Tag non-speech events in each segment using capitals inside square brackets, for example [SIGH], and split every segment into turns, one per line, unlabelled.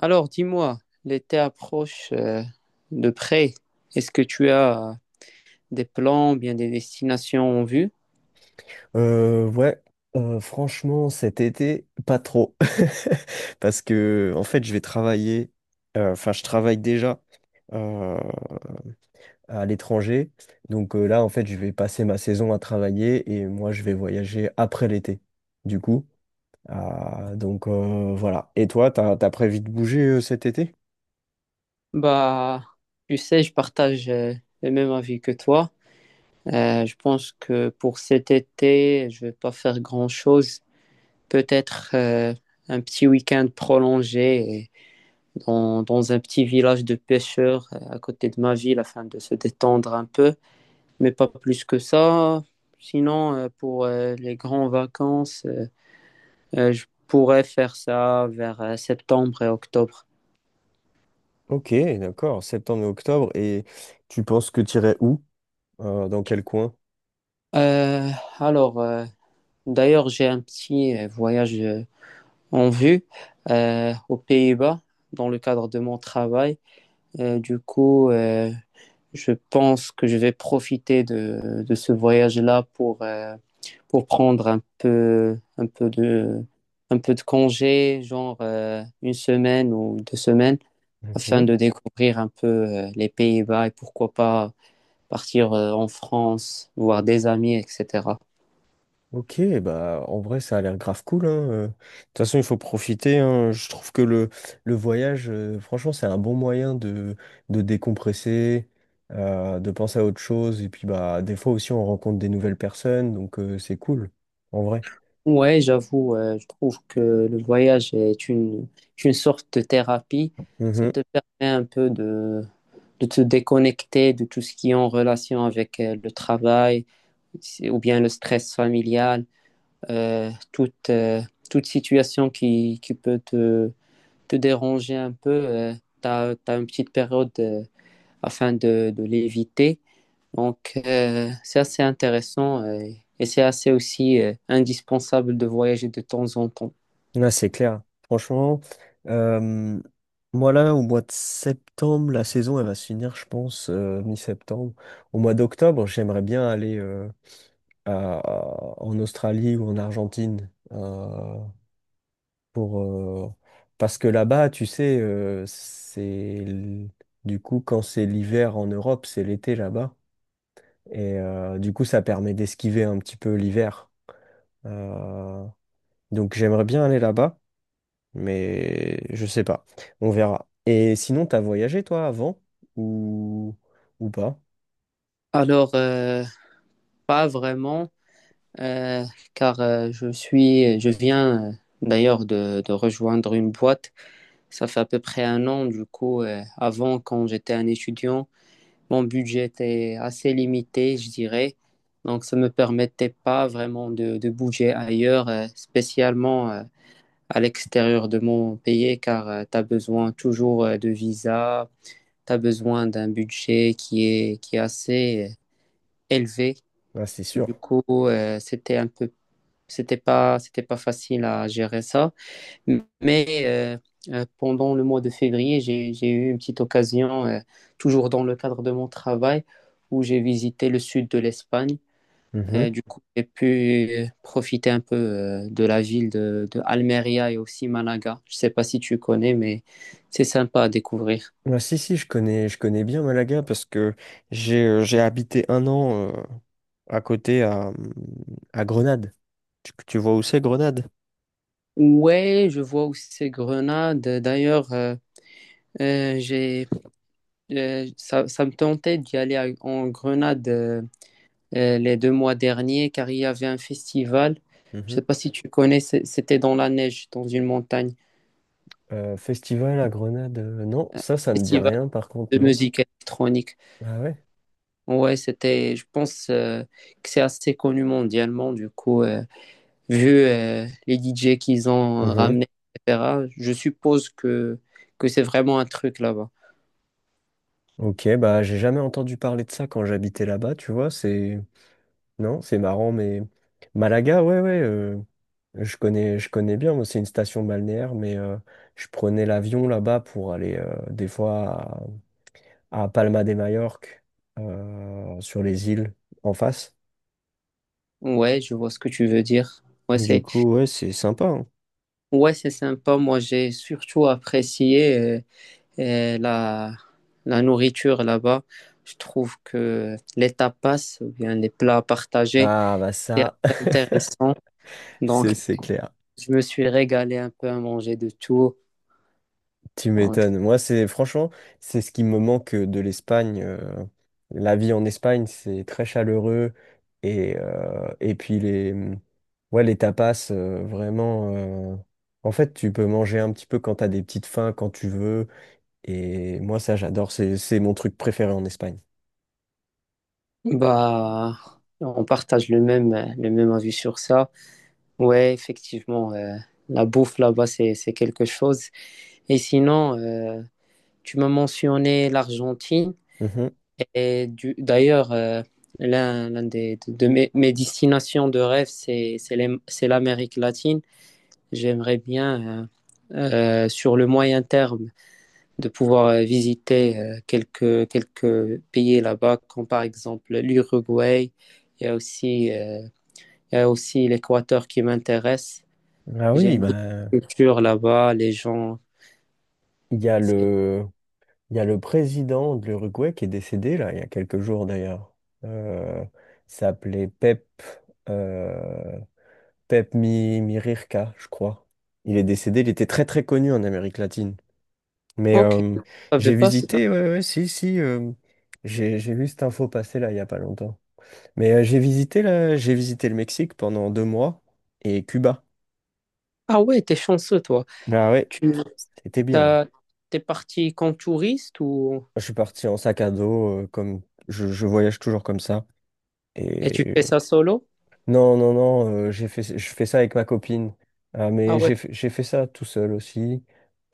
Alors, dis-moi, l'été approche de près. Est-ce que tu as des plans, bien des destinations en vue?
Ouais, franchement, cet été, pas trop. [LAUGHS] Parce que, en fait, je vais travailler, enfin, je travaille déjà euh, à l'étranger. Donc là, en fait, je vais passer ma saison à travailler et moi, je vais voyager après l'été, du coup. Ah, donc voilà. Et toi, t'as prévu de bouger cet été?
Bah, tu sais, je partage le même avis que toi. Je pense que pour cet été, je vais pas faire grand-chose. Peut-être un petit week-end prolongé dans un petit village de pêcheurs à côté de ma ville afin de se détendre un peu, mais pas plus que ça. Sinon, pour les grandes vacances. Je pourrais faire ça vers septembre et octobre.
Ok, d'accord, septembre et octobre. Et tu penses que t'irais où? Dans quel coin?
Euh, alors, d'ailleurs, j'ai un petit voyage en vue aux Pays-Bas dans le cadre de mon travail. Du coup, je pense que je vais profiter de ce voyage-là pour prendre un peu, un peu de congé, genre une semaine ou deux semaines, afin de découvrir un peu les Pays-Bas et pourquoi pas partir en France, voir des amis, etc.
Ok, bah en vrai ça a l'air grave cool, hein. De toute façon il faut profiter, hein. Je trouve que le voyage, franchement c'est un bon moyen de décompresser, de penser à autre chose, et puis bah des fois aussi on rencontre des nouvelles personnes, donc c'est cool, en vrai.
Ouais, j'avoue, je trouve que le voyage est une sorte de thérapie. Ça
Mhm.
te permet un peu de te déconnecter de tout ce qui est en relation avec le travail ou bien le stress familial, euh, toute, euh, toute situation qui peut te déranger un peu. Tu as une petite période afin de l'éviter. Donc, c'est assez intéressant et c'est assez aussi indispensable de voyager de temps en temps.
Là c'est clair. Franchement, euh, moi là au mois de septembre, la saison elle va se finir je pense mi-septembre. Au mois d'octobre j'aimerais bien aller en Australie ou en Argentine pour parce que là-bas, tu sais, l- du coup quand c'est l'hiver en Europe, c'est l'été là-bas et du coup ça permet d'esquiver un petit peu l'hiver. Euh, donc j'aimerais bien aller là-bas, mais je sais pas, on verra. Et sinon, t'as voyagé toi avant ou ou pas?
Alors, pas vraiment, euh, car je viens d'ailleurs de rejoindre une boîte. Ça fait à peu près un an, du coup, avant, quand j'étais un étudiant, mon budget était assez limité, je dirais. Donc, ça me permettait pas vraiment de bouger ailleurs, spécialement. À l'extérieur de mon pays car tu as besoin toujours de visa, tu as besoin d'un budget qui est assez élevé.
Ah, c'est sûr.
Du coup, c'était un peu, c'était pas facile à gérer ça. Mais euh, Pendant le mois de février, j'ai eu une petite occasion, toujours dans le cadre de mon travail, où j'ai visité le sud de l'Espagne. Et du coup, j'ai pu profiter un peu de la ville de Almeria et aussi Malaga. Je sais pas si tu connais, mais c'est sympa à découvrir.
Ah, si, si, je connais bien Malaga parce que j'ai habité un an à côté, à Grenade. Tu vois où c'est Grenade?
Ouais, je vois aussi ces Grenade. D'ailleurs, euh, j'ai, ça, ça me tentait d'y aller en Grenade les deux mois derniers car il y avait un festival. Je sais
Mhm.
pas si tu connais, c'était dans la neige, dans une montagne.
Festival à Grenade, non, ça ne dit
Festival
rien par contre,
de
non.
musique électronique.
Ah ouais?
Ouais, c'était, je pense que c'est assez connu mondialement, du coup, vu les DJ qu'ils ont
Mhm.
ramenés, etc., je suppose que c'est vraiment un truc là-bas.
Ok, bah j'ai jamais entendu parler de ça quand j'habitais là-bas, tu vois, c'est. Non, c'est marrant, mais. Malaga, ouais, ouais, je connais bien, moi, c'est une station balnéaire, mais je prenais l'avion là-bas pour aller des fois, à Palma de Majorque, sur les îles en face.
Ouais, je vois ce que tu veux dire. Ouais,
Du
c'est
coup, ouais, c'est sympa, hein.
ouais, c'est sympa. Moi, j'ai surtout apprécié euh, la, la nourriture là-bas. Je trouve que les tapas, ou bien les plats partagés,
Ah bah
c'est
ça,
assez intéressant.
[LAUGHS]
Donc,
c'est clair.
je me suis régalé un peu à manger de tout.
Tu
Donc,
m'étonnes. Moi, c'est franchement, c'est ce qui me manque de l'Espagne. La vie en Espagne, c'est très chaleureux et puis les ouais, les tapas vraiment. En fait, tu peux manger un petit peu quand t'as des petites faims, quand tu veux. Et moi, ça, j'adore. C'est mon truc préféré en Espagne.
Bah, on partage le même avis sur ça. Ouais, effectivement, la bouffe là-bas, c'est quelque chose. Et sinon, tu m'as mentionné l'Argentine.
Mhm.
Et d'ailleurs, l'un des, de mes, mes destinations de rêve, c'est l'Amérique latine. J'aimerais bien, euh, sur le moyen terme, de pouvoir visiter quelques pays là-bas, comme par exemple l'Uruguay. Il y a aussi, il y a aussi l'Équateur qui m'intéresse.
Ah
J'aime
oui,
bien
bah.
la culture là-bas, les gens.
Il y a
C'est-
le, il y a le président de l'Uruguay qui est décédé, là, il y a quelques jours d'ailleurs. Euh, il s'appelait euh, Pep Mirirca, je crois. Il est décédé, il était très très connu en Amérique latine. Mais
Ok, je savais pas ça.
ouais, ouais, si, si, j'ai vu cette info passer là, il n'y a pas longtemps. Mais j'ai visité le Mexique pendant 2 mois et Cuba.
Ah ouais, t'es chanceux, toi.
Ah ouais,
Tu
c'était bien.
t'as, t'es parti comme touriste ou...
Je suis parti en sac à dos, comme je voyage toujours comme ça.
et tu
Et
fais ça solo?
non, non, non, je fais ça avec ma copine. Euh,
Ah
mais
ouais.
j'ai fait ça tout seul aussi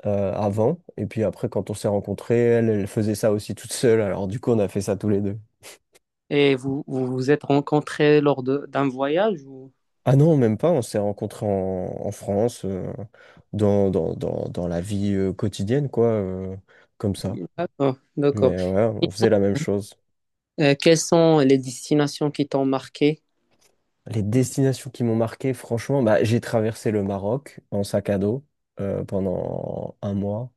avant. Et puis après, quand on s'est rencontrés, elle, elle faisait ça aussi toute seule. Alors du coup, on a fait ça tous les deux.
Et vous êtes rencontrés lors d'un voyage ou...
Ah non, même pas. On s'est rencontrés en France, dans la vie quotidienne, quoi, comme ça.
D'accord, d'accord.
Mais ouais, on faisait la même chose.
Quelles sont les destinations qui t'ont marqué?
Les destinations qui m'ont marqué, franchement, bah, j'ai traversé le Maroc en sac à dos pendant un mois.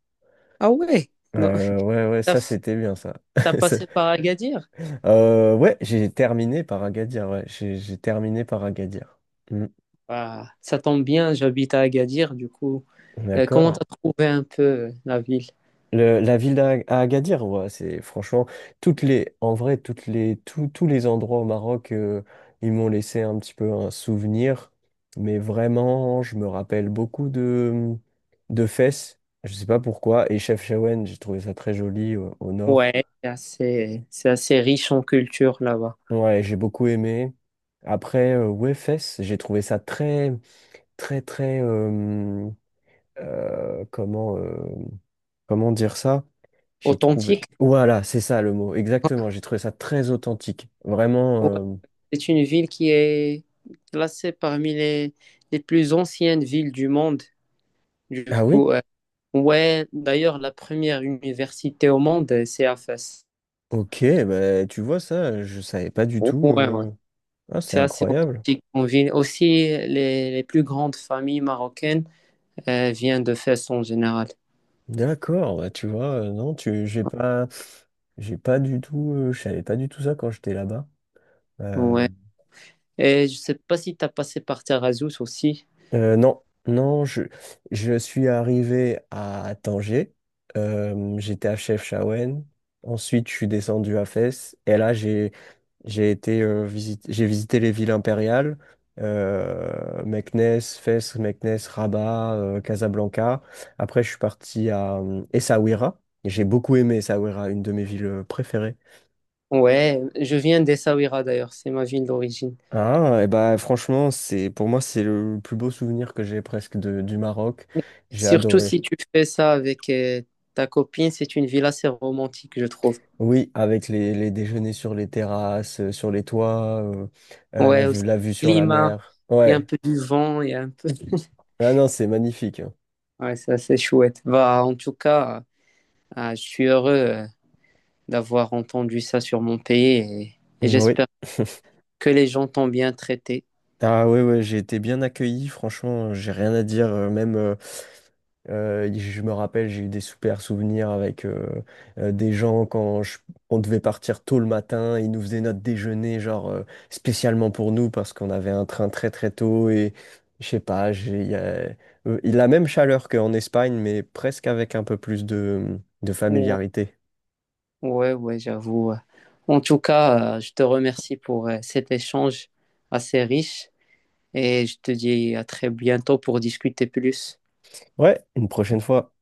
Ah ouais, non.
Ouais, ouais,
T'as
ça
fait-
c'était bien ça.
T'as
[LAUGHS] Ça-
passé par Agadir?
ouais, j'ai terminé par Agadir. Ouais, j'ai terminé par Agadir. Mm.
Ah, ça tombe bien, j'habite à Agadir, du coup. Comment
D'accord.
t'as trouvé un peu la ville?
La ville d'Agadir, ouais, c'est franchement en vrai, tous les endroits au Maroc, ils m'ont laissé un petit peu un souvenir. Mais vraiment, je me rappelle beaucoup de Fès. Je sais pas pourquoi. Et Chefchaouen, j'ai trouvé ça très joli au nord.
Ouais, c'est assez riche en culture là-bas.
Ouais, j'ai beaucoup aimé. Après, ouais, Fess, j'ai trouvé ça très, très, très, euh, comment, euh, comment dire ça? J'ai trouvé.
Authentique?
Voilà, c'est ça le mot, exactement. J'ai trouvé ça très authentique. Vraiment.
Ouais, c'est une ville qui est classée parmi les plus anciennes villes du monde. Du
Ah oui?
coup, ouais, d'ailleurs, la première université au monde, c'est à Fès.
Ok, bah, tu vois ça, je savais pas du tout.
Ouais, ouais.
Ah, c'est
C'est assez
incroyable.
authentique. On vit aussi les plus grandes familles marocaines viennent de Fès en général.
D'accord, bah, tu vois, non, j'ai pas du tout, je savais pas du tout ça quand j'étais là-bas. Euh,
Ouais. Et je sais pas si tu as passé par Taghazout aussi.
non, non, je suis arrivé à Tanger. J'étais à Chefchaouen. Ensuite, je suis descendu à Fès. Et là, j'ai visité les villes impériales, Meknès, Fès, Meknès, Rabat, Casablanca. Après, je suis parti à Essaouira. J'ai beaucoup aimé Essaouira, une de mes villes préférées.
Ouais, je viens d'Essaouira d'ailleurs, c'est ma ville d'origine.
Ah, et bah franchement, c'est pour moi c'est le plus beau souvenir que j'ai presque du Maroc. J'ai
Surtout
adoré.
si tu fais ça avec ta copine, c'est une ville assez romantique, je trouve.
Oui, avec les déjeuners sur les terrasses, sur les toits,
Ouais, aussi,
la vue
le
sur la
climat,
mer.
il y a un
Ouais.
peu du vent, il y a un peu. [LAUGHS]
Ah non, c'est magnifique, hein.
Ouais, c'est assez chouette. Bah, en tout cas, je suis heureux d'avoir entendu ça sur mon pays et
Oui.
j'espère que les gens t'ont bien traité.
Ah ouais, ouais, j'ai été bien accueilli, franchement, j'ai rien à dire. Même, je me rappelle, j'ai eu des super souvenirs avec des gens quand on devait partir tôt le matin, ils nous faisaient notre déjeuner, genre spécialement pour nous, parce qu'on avait un train très très tôt et je sais pas, la même chaleur qu'en Espagne, mais presque avec un peu plus de
Ouais,
familiarité.
ouais, ouais, j'avoue. Ouais. En tout cas, je te remercie pour cet échange assez riche et je te dis à très bientôt pour discuter plus.
Ouais, une prochaine fois.